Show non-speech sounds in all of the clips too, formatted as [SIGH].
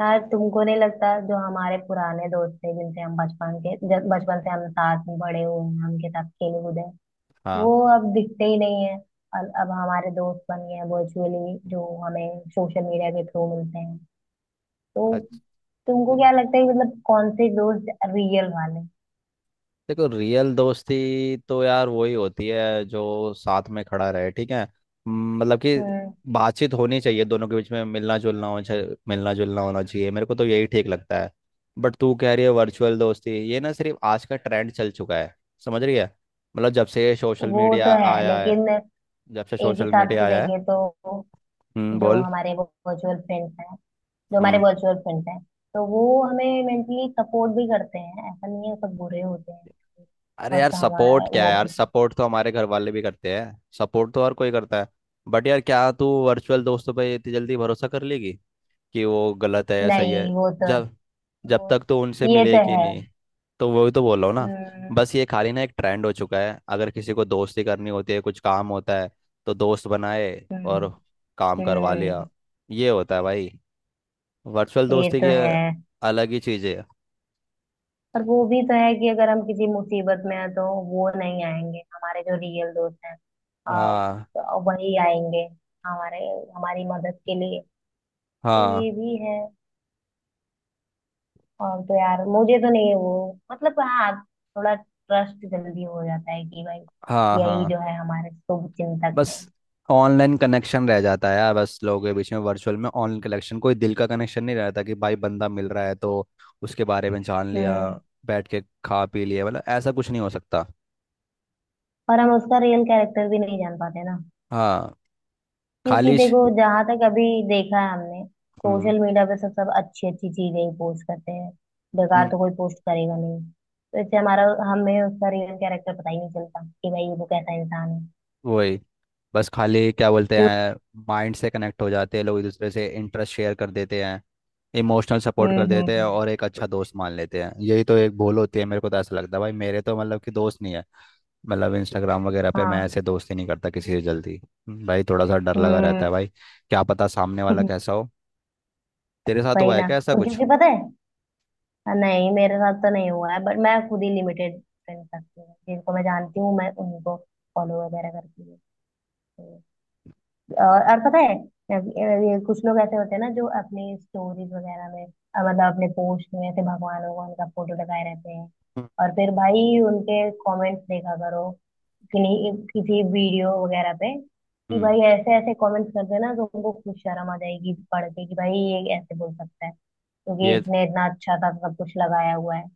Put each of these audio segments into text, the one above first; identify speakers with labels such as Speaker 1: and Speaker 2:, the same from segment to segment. Speaker 1: यार तुमको नहीं लगता जो हमारे पुराने दोस्त थे जिनसे हम बचपन के जब बचपन से हम साथ में बड़े हुए हैं उनके साथ खेले कूदे हैं, वो
Speaker 2: हाँ।
Speaker 1: अब दिखते ही नहीं है। और अब हमारे दोस्त बन गए हैं वर्चुअली जो हमें सोशल मीडिया के थ्रू मिलते हैं, तो
Speaker 2: अच्छा।
Speaker 1: तुमको क्या लगता है कि मतलब कौन से दोस्त रियल वाले?
Speaker 2: देखो, रियल दोस्ती तो यार वही होती है जो साथ में खड़ा रहे, ठीक है। मतलब कि
Speaker 1: हम्म।
Speaker 2: बातचीत होनी चाहिए, दोनों के बीच में मिलना जुलना होना चाहिए। मेरे को तो यही ठीक लगता है। बट तू कह रही है वर्चुअल दोस्ती, ये ना सिर्फ आज का ट्रेंड चल चुका है। समझ रही है? मतलब जब से सोशल
Speaker 1: वो तो
Speaker 2: मीडिया
Speaker 1: है
Speaker 2: आया है,
Speaker 1: लेकिन
Speaker 2: जब से
Speaker 1: एक
Speaker 2: सोशल
Speaker 1: हिसाब
Speaker 2: मीडिया
Speaker 1: से
Speaker 2: आया है।
Speaker 1: देखे तो
Speaker 2: हम्म,
Speaker 1: जो
Speaker 2: बोल।
Speaker 1: हमारे वो वर्चुअल फ्रेंड्स हैं, जो हमारे
Speaker 2: हम्म।
Speaker 1: वर्चुअल फ्रेंड्स हैं, तो वो हमें मेंटली सपोर्ट भी करते हैं, ऐसा नहीं है सब बुरे होते हैं।
Speaker 2: अरे
Speaker 1: बस
Speaker 2: यार
Speaker 1: हमारा
Speaker 2: सपोर्ट क्या है
Speaker 1: वो
Speaker 2: यार,
Speaker 1: करते
Speaker 2: सपोर्ट तो हमारे घर वाले भी करते हैं, सपोर्ट तो हर कोई करता है। बट यार क्या तू वर्चुअल दोस्तों पे इतनी जल्दी भरोसा कर लेगी कि वो गलत है
Speaker 1: हैं।
Speaker 2: या सही है?
Speaker 1: नहीं वो तो
Speaker 2: जब जब
Speaker 1: वो
Speaker 2: तक तो उनसे
Speaker 1: ये तो
Speaker 2: मिले कि
Speaker 1: है।
Speaker 2: नहीं। तो वही तो बोल रहा हूँ ना।
Speaker 1: हम्म
Speaker 2: बस ये खाली ना एक ट्रेंड हो चुका है, अगर किसी को दोस्ती करनी होती है कुछ काम होता है तो दोस्त बनाए
Speaker 1: हम्म
Speaker 2: और काम करवा लिया।
Speaker 1: हम्म।
Speaker 2: ये होता है भाई वर्चुअल
Speaker 1: ये
Speaker 2: दोस्ती की,
Speaker 1: तो है।
Speaker 2: अलग ही चीज़ है।
Speaker 1: पर वो भी तो है कि अगर हम किसी मुसीबत में हैं तो वो नहीं आएंगे हमारे जो रियल दोस्त हैं। आ,
Speaker 2: हाँ,
Speaker 1: वही आएंगे हमारे हमारी मदद के लिए। तो
Speaker 2: हाँ,
Speaker 1: ये भी है। और तो यार मुझे तो नहीं है वो मतलब हाँ थोड़ा ट्रस्ट जल्दी हो जाता है कि भाई
Speaker 2: हाँ,
Speaker 1: यही
Speaker 2: हाँ।
Speaker 1: जो है हमारे शुभ चिंतक
Speaker 2: बस
Speaker 1: है।
Speaker 2: ऑनलाइन कनेक्शन रह जाता है यार, बस लोगों के बीच में वर्चुअल में ऑनलाइन कनेक्शन, कोई दिल का कनेक्शन नहीं रहता कि भाई बंदा मिल रहा है तो उसके बारे में जान लिया,
Speaker 1: हम्म।
Speaker 2: बैठ के खा पी लिया, मतलब ऐसा कुछ नहीं हो सकता।
Speaker 1: और हम उसका रियल कैरेक्टर भी नहीं जान पाते ना
Speaker 2: हाँ।
Speaker 1: क्योंकि
Speaker 2: खाली
Speaker 1: देखो
Speaker 2: श-
Speaker 1: जहां तक अभी देखा है हमने
Speaker 2: हम्म।
Speaker 1: सोशल मीडिया पे सब सब अच्छी अच्छी चीजें ही पोस्ट करते हैं। बेकार
Speaker 2: हम्म,
Speaker 1: तो कोई पोस्ट करेगा नहीं तो इससे हमारा हमें उसका रियल कैरेक्टर पता ही नहीं चलता कि भाई वो कैसा इंसान है।
Speaker 2: वही, बस खाली क्या बोलते
Speaker 1: क्यों।
Speaker 2: हैं, माइंड से कनेक्ट हो जाते हैं लोग, एक दूसरे से इंटरेस्ट शेयर कर देते हैं, इमोशनल सपोर्ट कर
Speaker 1: हम्म
Speaker 2: देते हैं
Speaker 1: हम्म
Speaker 2: और एक अच्छा दोस्त मान लेते हैं। यही तो एक भूल होती है। मेरे को तो ऐसा लगता है भाई, मेरे तो मतलब कि दोस्त नहीं है, मतलब इंस्टाग्राम वगैरह पे मैं
Speaker 1: हाँ
Speaker 2: ऐसे दोस्ती नहीं करता किसी से जल्दी। भाई थोड़ा सा डर लगा रहता है
Speaker 1: हाँ
Speaker 2: भाई, क्या पता सामने वाला
Speaker 1: हम्म,
Speaker 2: कैसा हो।
Speaker 1: [LAUGHS]
Speaker 2: तेरे साथ
Speaker 1: वही
Speaker 2: हुआ है
Speaker 1: ना
Speaker 2: क्या ऐसा
Speaker 1: तो
Speaker 2: कुछ?
Speaker 1: क्योंकि पता है। नहीं मेरे साथ तो नहीं हुआ है बट मैं खुद ही लिमिटेड फ्रेंड रखती हूँ जिनको मैं जानती हूँ मैं उनको फॉलो वगैरह करती हूँ। तो- और पता है ये कुछ लोग ऐसे होते हैं ना जो अपनी स्टोरीज वगैरह में मतलब अपने पोस्ट में ऐसे भगवान भगवान का फोटो लगाए रहते हैं। और फिर भाई उनके कमेंट्स देखा करो किन्हीं किसी वीडियो वगैरह पे कि
Speaker 2: हम्म
Speaker 1: भाई ऐसे ऐसे कमेंट्स करते हैं ना तो उनको कुछ शर्म आ जाएगी पढ़ के कि भाई ये ऐसे बोल सकता है क्योंकि
Speaker 2: ये
Speaker 1: इसने इतना अच्छा सा सब कुछ लगाया हुआ है।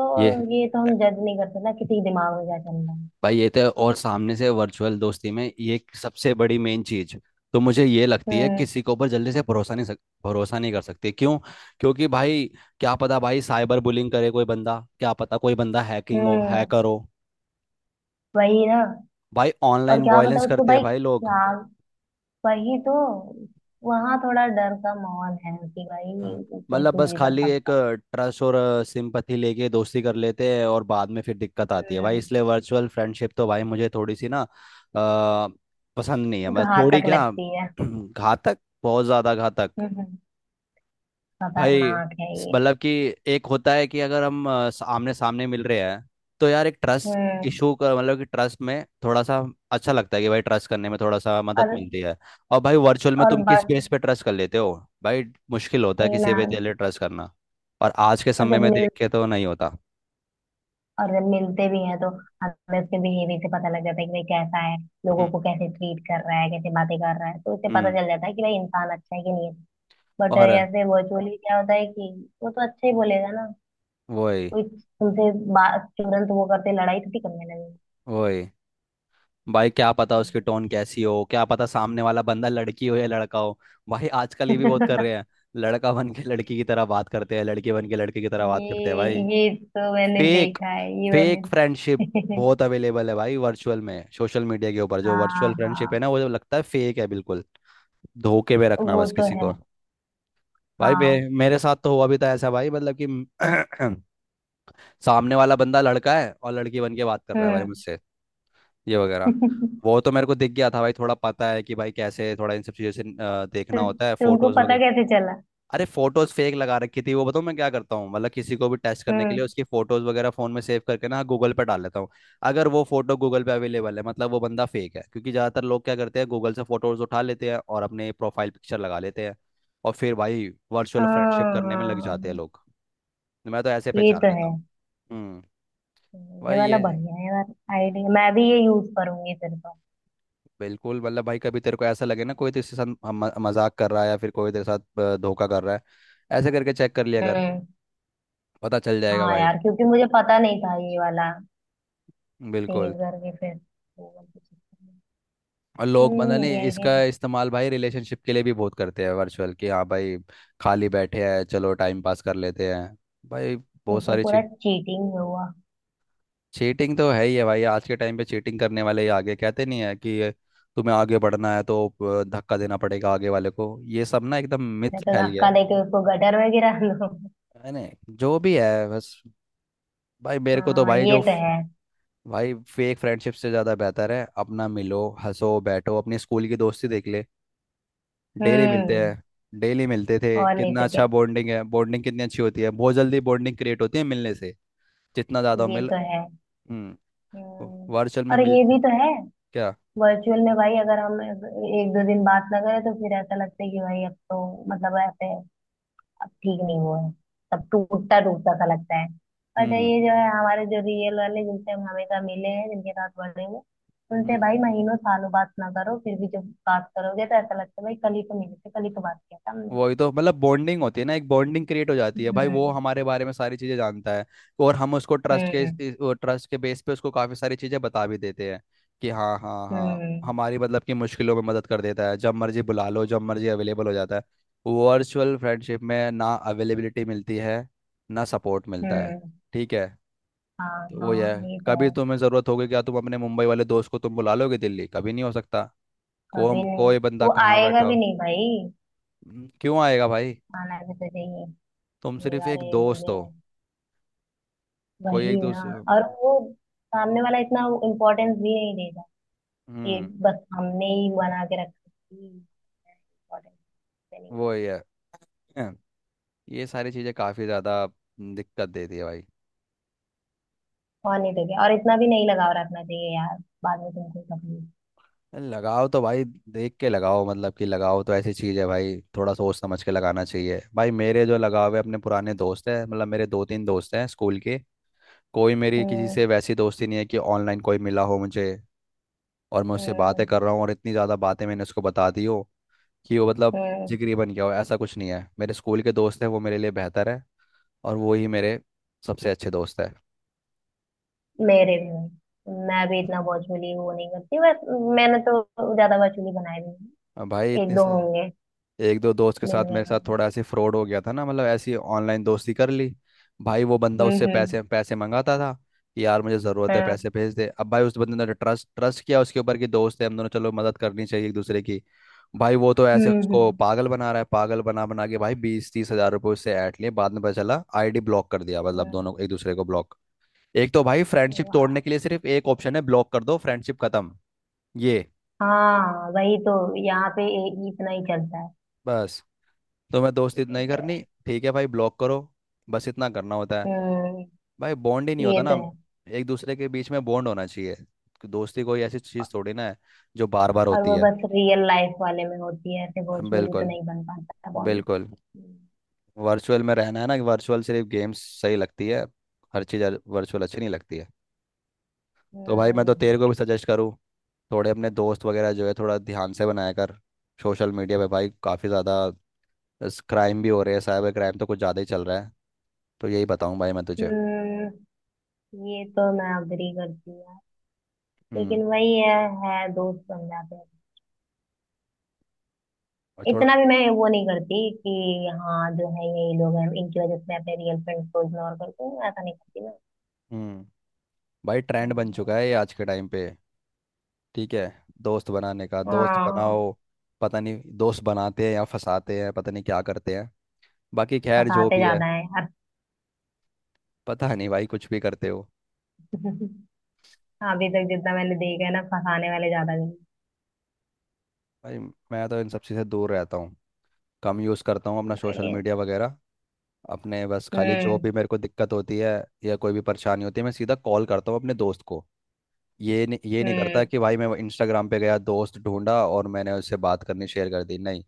Speaker 1: तो
Speaker 2: ये
Speaker 1: ये तो हम जज नहीं कर सकते ना किसी के दिमाग में क्या चल रहा है।
Speaker 2: भाई, ये तो और सामने से वर्चुअल दोस्ती में ये सबसे बड़ी मेन चीज तो मुझे ये लगती है,
Speaker 1: हम्म
Speaker 2: किसी के ऊपर जल्दी से भरोसा नहीं सक भरोसा नहीं कर सकते। क्यों? क्योंकि भाई, क्या पता भाई साइबर बुलिंग करे कोई बंदा, क्या पता कोई बंदा हैकिंग हो,
Speaker 1: हम्म
Speaker 2: हैकर हो।
Speaker 1: वही ना।
Speaker 2: भाई
Speaker 1: और
Speaker 2: ऑनलाइन
Speaker 1: क्या पता
Speaker 2: वायलेंस
Speaker 1: उसको
Speaker 2: करते हैं
Speaker 1: भाई
Speaker 2: भाई लोग।
Speaker 1: क्या वही तो वहां थोड़ा डर का माहौल है कि भाई
Speaker 2: हाँ।
Speaker 1: कोई
Speaker 2: मतलब
Speaker 1: कुछ
Speaker 2: बस
Speaker 1: भी कर
Speaker 2: खाली एक
Speaker 1: सकता है।
Speaker 2: ट्रस्ट और सिंपथी लेके दोस्ती कर लेते हैं और बाद में फिर दिक्कत आती है भाई,
Speaker 1: हम्म।
Speaker 2: इसलिए वर्चुअल फ्रेंडशिप तो भाई मुझे थोड़ी सी ना पसंद नहीं है, मतलब थोड़ी
Speaker 1: घातक
Speaker 2: क्या
Speaker 1: लगती है।
Speaker 2: [CLEARS THROAT] घातक, बहुत ज्यादा घातक।
Speaker 1: हम्म।
Speaker 2: भाई
Speaker 1: खतरनाक है ये।
Speaker 2: मतलब कि एक होता है कि अगर हम आमने सामने मिल रहे हैं तो यार एक ट्रस्ट
Speaker 1: हम्म।
Speaker 2: इशू का मतलब कि ट्रस्ट में थोड़ा सा अच्छा लगता है कि भाई ट्रस्ट करने में थोड़ा सा मदद
Speaker 1: और
Speaker 2: मिलती है। और भाई वर्चुअल में
Speaker 1: और
Speaker 2: तुम किस
Speaker 1: बस
Speaker 2: बेस पे ट्रस्ट कर लेते हो भाई? मुश्किल होता है
Speaker 1: नहीं ना
Speaker 2: किसी पे तेरे ट्रस्ट करना, और आज के
Speaker 1: और
Speaker 2: समय
Speaker 1: जब
Speaker 2: में
Speaker 1: मिल
Speaker 2: देख के तो नहीं होता।
Speaker 1: और जब मिलते भी हैं तो हमें उसके बिहेवियर से पता लग जाता है कि भाई कैसा है। लोगों
Speaker 2: हम्म।
Speaker 1: को कैसे ट्रीट कर रहा है कैसे बातें कर रहा है तो इससे पता
Speaker 2: हम्म,
Speaker 1: चल जाता है कि भाई इंसान अच्छा है कि नहीं है। बट
Speaker 2: और
Speaker 1: ऐसे वर्चुअली क्या होता है कि वो तो अच्छा ही बोलेगा ना।
Speaker 2: वही
Speaker 1: कोई तुमसे बात तुरंत वो करते लड़ाई थोड़ी करने लगे।
Speaker 2: वही भाई, क्या पता उसकी टोन कैसी हो, क्या पता सामने वाला बंदा लड़की हो या लड़का हो। भाई आजकल ये भी बहुत कर रहे हैं, लड़का बन के लड़की की तरह बात करते हैं, लड़की बन के लड़के की
Speaker 1: [LAUGHS]
Speaker 2: तरह बात करते हैं भाई।
Speaker 1: ये तो मैंने
Speaker 2: फेक
Speaker 1: देखा है ये
Speaker 2: फेक फ्रेंडशिप
Speaker 1: मैंने
Speaker 2: बहुत
Speaker 1: [LAUGHS]
Speaker 2: अवेलेबल है भाई, वर्चुअल में सोशल मीडिया के ऊपर जो
Speaker 1: हाँ
Speaker 2: वर्चुअल फ्रेंडशिप
Speaker 1: हाँ
Speaker 2: है ना वो जब लगता है फेक है बिल्कुल। धोखे में रखना
Speaker 1: वो
Speaker 2: बस
Speaker 1: तो
Speaker 2: किसी
Speaker 1: है।
Speaker 2: को। भाई
Speaker 1: हाँ
Speaker 2: मेरे साथ तो हुआ भी था ऐसा भाई, मतलब कि [CLEARS THROAT] सामने वाला बंदा लड़का है और लड़की बन के बात कर रहा है भाई
Speaker 1: हम्म
Speaker 2: मुझसे, ये वगैरह।
Speaker 1: [LAUGHS]
Speaker 2: वो तो मेरे को दिख गया था भाई, थोड़ा पता है कि भाई कैसे, थोड़ा इन सब चीज़ों से देखना
Speaker 1: तो
Speaker 2: होता है
Speaker 1: तुमको
Speaker 2: फोटोज
Speaker 1: पता
Speaker 2: वगैरह।
Speaker 1: कैसे चला?
Speaker 2: अरे फोटोज फेक लगा रखी थी। वो बताऊँ मैं क्या करता हूँ? मतलब किसी को भी टेस्ट करने के
Speaker 1: हम्म
Speaker 2: लिए उसकी फोटोज वगैरह फोन में सेव करके ना गूगल पे डाल लेता हूँ, अगर वो फोटो गूगल पे अवेलेबल है मतलब वो बंदा फेक है, क्योंकि ज्यादातर लोग क्या करते हैं, गूगल से फोटोज उठा लेते हैं और अपने प्रोफाइल पिक्चर लगा लेते हैं, और फिर भाई वर्चुअल फ्रेंडशिप करने में लग जाते
Speaker 1: हाँ
Speaker 2: हैं लोग। मैं तो ऐसे
Speaker 1: ये
Speaker 2: पहचान
Speaker 1: तो
Speaker 2: लेता
Speaker 1: है।
Speaker 2: हूँ। हम्म।
Speaker 1: ये
Speaker 2: भाई
Speaker 1: वाला
Speaker 2: ये
Speaker 1: बढ़िया है यार। आइडिया मैं भी ये यूज करूंगी फिर तो।
Speaker 2: बिल्कुल, मतलब भाई कभी तेरे को ऐसा लगे ना कोई तेरे साथ मजाक कर रहा है या फिर कोई तेरे साथ धोखा कर रहा है, ऐसे करके चेक कर लिया कर,
Speaker 1: हम्म
Speaker 2: पता चल जाएगा
Speaker 1: हाँ
Speaker 2: भाई।
Speaker 1: यार क्योंकि मुझे पता नहीं था ये वाला सेव
Speaker 2: बिल्कुल।
Speaker 1: करके फिर गूगल पे check करना।
Speaker 2: और लोग मतलब
Speaker 1: ये
Speaker 2: नहीं, इसका
Speaker 1: आइडिया
Speaker 2: इस्तेमाल भाई रिलेशनशिप के लिए भी बहुत करते हैं वर्चुअल, कि हाँ भाई खाली बैठे हैं चलो टाइम पास कर लेते हैं। भाई
Speaker 1: ये
Speaker 2: बहुत
Speaker 1: तो
Speaker 2: सारी
Speaker 1: पूरा
Speaker 2: चीज,
Speaker 1: चीटिंग हुआ।
Speaker 2: चीटिंग तो है ही है भाई, आज के टाइम पे चीटिंग करने वाले ही आगे कहते नहीं है कि तुम्हें आगे बढ़ना है तो धक्का देना पड़ेगा आगे वाले को, ये सब ना एकदम
Speaker 1: अरे
Speaker 2: मिथ
Speaker 1: तो
Speaker 2: फैल गया है
Speaker 1: धक्का देके उसको गटर में गिरा [LAUGHS] दो।
Speaker 2: है नहीं जो भी है बस। भाई मेरे को तो
Speaker 1: हाँ
Speaker 2: भाई
Speaker 1: ये
Speaker 2: जो,
Speaker 1: तो है।
Speaker 2: भाई फेक फ्रेंडशिप से ज़्यादा बेहतर है अपना मिलो, हंसो, बैठो। अपनी स्कूल की दोस्ती देख ले, डेली मिलते
Speaker 1: हम्म
Speaker 2: हैं, डेली मिलते थे,
Speaker 1: और नहीं
Speaker 2: कितना
Speaker 1: तो क्या।
Speaker 2: अच्छा बॉन्डिंग है, बॉन्डिंग कितनी अच्छी होती है, बहुत जल्दी बॉन्डिंग क्रिएट होती है मिलने से। जितना ज़्यादा
Speaker 1: ये
Speaker 2: मिल।
Speaker 1: तो है।
Speaker 2: हम्म।
Speaker 1: हम्म।
Speaker 2: वर्चुअल में
Speaker 1: और ये
Speaker 2: मिलते
Speaker 1: भी तो है।
Speaker 2: क्या।
Speaker 1: वर्चुअल में भाई अगर हम एक दो दिन बात ना करें तो फिर ऐसा लगता है कि भाई अब तो मतलब ऐसे अब ठीक नहीं हुआ है सब टूटता टूटता सा लगता है। और
Speaker 2: हम्म।
Speaker 1: ये जो है हमारे जो रियल वाले जिनसे हम हमेशा मिले हैं जिनके साथ बढ़े हैं उनसे
Speaker 2: हम्म।
Speaker 1: भाई महीनों सालों बात ना करो फिर भी जब बात करोगे तो ऐसा लगता है भाई कल ही तो मिले थे कल ही तो बात किया था हमने।
Speaker 2: वही तो, मतलब बॉन्डिंग होती है ना, एक बॉन्डिंग क्रिएट हो जाती है भाई, वो
Speaker 1: हम्म
Speaker 2: हमारे बारे में सारी चीजें जानता है और हम उसको
Speaker 1: हम्म
Speaker 2: ट्रस्ट के बेस पे उसको काफी सारी चीजें बता भी देते हैं कि हाँ, हाँ, हाँ।
Speaker 1: हम्म
Speaker 2: हमारी मतलब कि मुश्किलों में मदद कर देता है, जब मर्जी बुला लो, जब मर्जी अवेलेबल हो जाता है। वर्चुअल फ्रेंडशिप में ना अवेलेबिलिटी मिलती है ना सपोर्ट मिलता है,
Speaker 1: हम्म
Speaker 2: ठीक है।
Speaker 1: हाँ
Speaker 2: तो वो ये
Speaker 1: हाँ
Speaker 2: है,
Speaker 1: ये तो
Speaker 2: कभी
Speaker 1: है।
Speaker 2: तुम्हें ज़रूरत होगी क्या तुम अपने मुंबई वाले दोस्त को तुम बुला लोगे दिल्ली? कभी नहीं हो सकता, को
Speaker 1: कभी नहीं।
Speaker 2: कोई बंदा
Speaker 1: वो
Speaker 2: कहाँ
Speaker 1: आएगा
Speaker 2: बैठा
Speaker 1: भी
Speaker 2: हो।
Speaker 1: नहीं भाई।
Speaker 2: क्यों आएगा भाई?
Speaker 1: आना भी तो चाहिए।
Speaker 2: तुम सिर्फ एक
Speaker 1: अरे
Speaker 2: दोस्त
Speaker 1: मुझे
Speaker 2: हो, कोई एक
Speaker 1: वही ना।
Speaker 2: दूसरे।
Speaker 1: और वो सामने वाला इतना इम्पोर्टेंस भी नहीं देता। ये
Speaker 2: हम्म।
Speaker 1: बस हमने ही बना के रखा है कि इम्पोर्टेंस नहीं है।
Speaker 2: वो ही है। हैं, ये सारी चीज़ें काफ़ी ज़्यादा दिक्कत देती है भाई।
Speaker 1: और नहीं तो क्या और इतना भी नहीं लगाव रखना चाहिए यार। बाद में तुमको तकलीफ।
Speaker 2: लगाओ तो भाई देख के लगाओ, मतलब कि लगाओ तो ऐसी चीज़ है भाई, थोड़ा सोच समझ के लगाना चाहिए भाई। मेरे जो लगाव है अपने पुराने दोस्त हैं, मतलब मेरे दो तीन दोस्त हैं स्कूल के, कोई मेरी किसी से
Speaker 1: हम्म
Speaker 2: वैसी दोस्ती नहीं है कि ऑनलाइन कोई मिला हो मुझे और मैं उससे बातें
Speaker 1: हम्म
Speaker 2: कर रहा हूँ और इतनी ज़्यादा बातें मैंने उसको बता दी हो कि वो मतलब
Speaker 1: हम्म।
Speaker 2: जिगरी बन गया हो, ऐसा कुछ नहीं है। मेरे स्कूल के दोस्त हैं वो मेरे लिए बेहतर है, और वो ही मेरे सबसे अच्छे दोस्त है।
Speaker 1: मेरे भी वही। मैं भी इतना बॉचूली वो नहीं करती बस मैंने तो ज्यादा बॉचूली बनाए भी
Speaker 2: अब भाई
Speaker 1: नहीं। एक
Speaker 2: इतने
Speaker 1: दो
Speaker 2: से
Speaker 1: होंगे
Speaker 2: एक दो दोस्त के
Speaker 1: मिल
Speaker 2: साथ,
Speaker 1: गए
Speaker 2: मेरे साथ
Speaker 1: होंगे।
Speaker 2: थोड़ा ऐसे फ्रॉड हो गया था ना, मतलब ऐसी ऑनलाइन दोस्ती कर ली भाई, वो बंदा
Speaker 1: हम्म
Speaker 2: उससे
Speaker 1: हम्म
Speaker 2: पैसे पैसे मंगाता था कि यार मुझे ज़रूरत है,
Speaker 1: हाँ
Speaker 2: पैसे भेज दे। अब भाई उस बंदे ने ट्रस्ट ट्रस्ट किया उसके ऊपर कि दोस्त है हम दोनों, चलो मदद करनी चाहिए एक दूसरे की, भाई वो तो ऐसे
Speaker 1: हम्म हम्म
Speaker 2: उसको पागल बना रहा है, पागल बना बना के भाई 20-30 हजार रुपये उससे ऐट लिए, बाद में पता चला आईडी ब्लॉक कर दिया, मतलब
Speaker 1: हम्म,
Speaker 2: दोनों एक दूसरे को ब्लॉक। एक तो भाई फ्रेंडशिप
Speaker 1: वाह।
Speaker 2: तोड़ने के लिए सिर्फ एक ऑप्शन है, ब्लॉक कर दो, फ्रेंडशिप खत्म। ये
Speaker 1: हाँ वही तो। यहाँ पे इतना ही चलता है।
Speaker 2: बस, तुम्हें दोस्ती नहीं करनी,
Speaker 1: है।
Speaker 2: ठीक है भाई ब्लॉक करो, बस इतना करना होता है
Speaker 1: हम्म।
Speaker 2: भाई। बॉन्ड ही नहीं
Speaker 1: ये
Speaker 2: होता ना,
Speaker 1: तो है।
Speaker 2: एक दूसरे के बीच में बॉन्ड होना चाहिए। दोस्ती कोई ऐसी चीज थोड़ी ना है जो बार बार
Speaker 1: और
Speaker 2: होती
Speaker 1: वो
Speaker 2: है।
Speaker 1: बस रियल लाइफ वाले में होती है ऐसे भोजपुरी तो
Speaker 2: बिल्कुल,
Speaker 1: नहीं बन पाता बॉन्ड।
Speaker 2: बिल्कुल। वर्चुअल में रहना है ना, वर्चुअल सिर्फ गेम्स सही लगती है, हर चीज़ वर्चुअल अच्छी नहीं लगती है। तो भाई मैं तो तेरे को
Speaker 1: हम्म
Speaker 2: भी सजेस्ट करूँ, थोड़े अपने दोस्त वगैरह जो है थोड़ा ध्यान से बनाया कर, सोशल मीडिया पे भाई काफ़ी ज़्यादा बस क्राइम भी हो रहे हैं, साइबर क्राइम तो कुछ ज़्यादा ही चल रहा है, तो यही बताऊँ भाई मैं तुझे।
Speaker 1: हम्म, ये तो मैं अग्री करती हूँ यार।
Speaker 2: हम्म
Speaker 1: लेकिन वही है दोस्त बन जाते हैं।
Speaker 2: और थोड़ा।
Speaker 1: इतना भी मैं वो नहीं करती कि हाँ जो है यही लोग हैं इनकी वजह से मैं अपने रियल फ्रेंड्स को इग्नोर करती हूँ ऐसा नहीं करती मैं।
Speaker 2: हम्म भाई ट्रेंड बन चुका है ये आज के टाइम पे, ठीक है, दोस्त बनाने का, दोस्त
Speaker 1: हाँ
Speaker 2: बनाओ, पता नहीं दोस्त बनाते हैं या फंसाते हैं, पता नहीं क्या करते हैं, बाकी खैर जो
Speaker 1: फंसाते
Speaker 2: भी है।
Speaker 1: ज्यादा है यार।
Speaker 2: पता नहीं भाई कुछ भी करते हो।
Speaker 1: [LAUGHS] अभी तक जितना मैंने देखा है ना फंसाने वाले ज्यादा हैं।
Speaker 2: भाई मैं तो इन सब चीज़ से दूर रहता हूँ, कम यूज़ करता हूँ अपना
Speaker 1: बड़े
Speaker 2: सोशल
Speaker 1: हैं
Speaker 2: मीडिया वगैरह, अपने बस खाली जो
Speaker 1: हम्म
Speaker 2: भी मेरे को दिक्कत होती है या कोई भी परेशानी होती है मैं सीधा कॉल करता हूँ अपने दोस्त को। ये नहीं करता
Speaker 1: हम्म
Speaker 2: कि भाई मैं इंस्टाग्राम पे गया, दोस्त ढूंढा और मैंने उससे बात करनी शेयर कर दी, नहीं,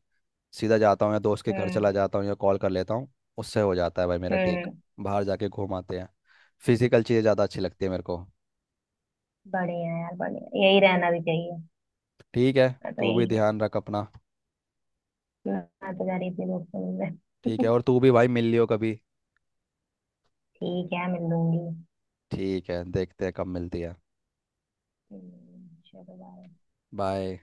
Speaker 2: सीधा जाता हूँ या दोस्त के घर
Speaker 1: हम्म
Speaker 2: चला जाता हूँ या कॉल कर लेता हूँ, उससे हो जाता है भाई मेरा ठीक,
Speaker 1: हम्म।
Speaker 2: बाहर जाके घूम आते हैं। फिजिकल चीज़ें ज़्यादा अच्छी लगती है मेरे को।
Speaker 1: बढ़िया यार बढ़िया यही रहना भी चाहिए।
Speaker 2: ठीक है।
Speaker 1: मैं तो
Speaker 2: तू भी
Speaker 1: यही है।
Speaker 2: ध्यान रख अपना।
Speaker 1: मैं तो जा रही थी दोस्तों मिलने।
Speaker 2: ठीक है,
Speaker 1: [LAUGHS]
Speaker 2: और तू भी भाई मिल लियो कभी।
Speaker 1: ठीक है मिल लूंगी।
Speaker 2: ठीक है, देखते हैं कब मिलती है।
Speaker 1: चलो बाय।
Speaker 2: बाय।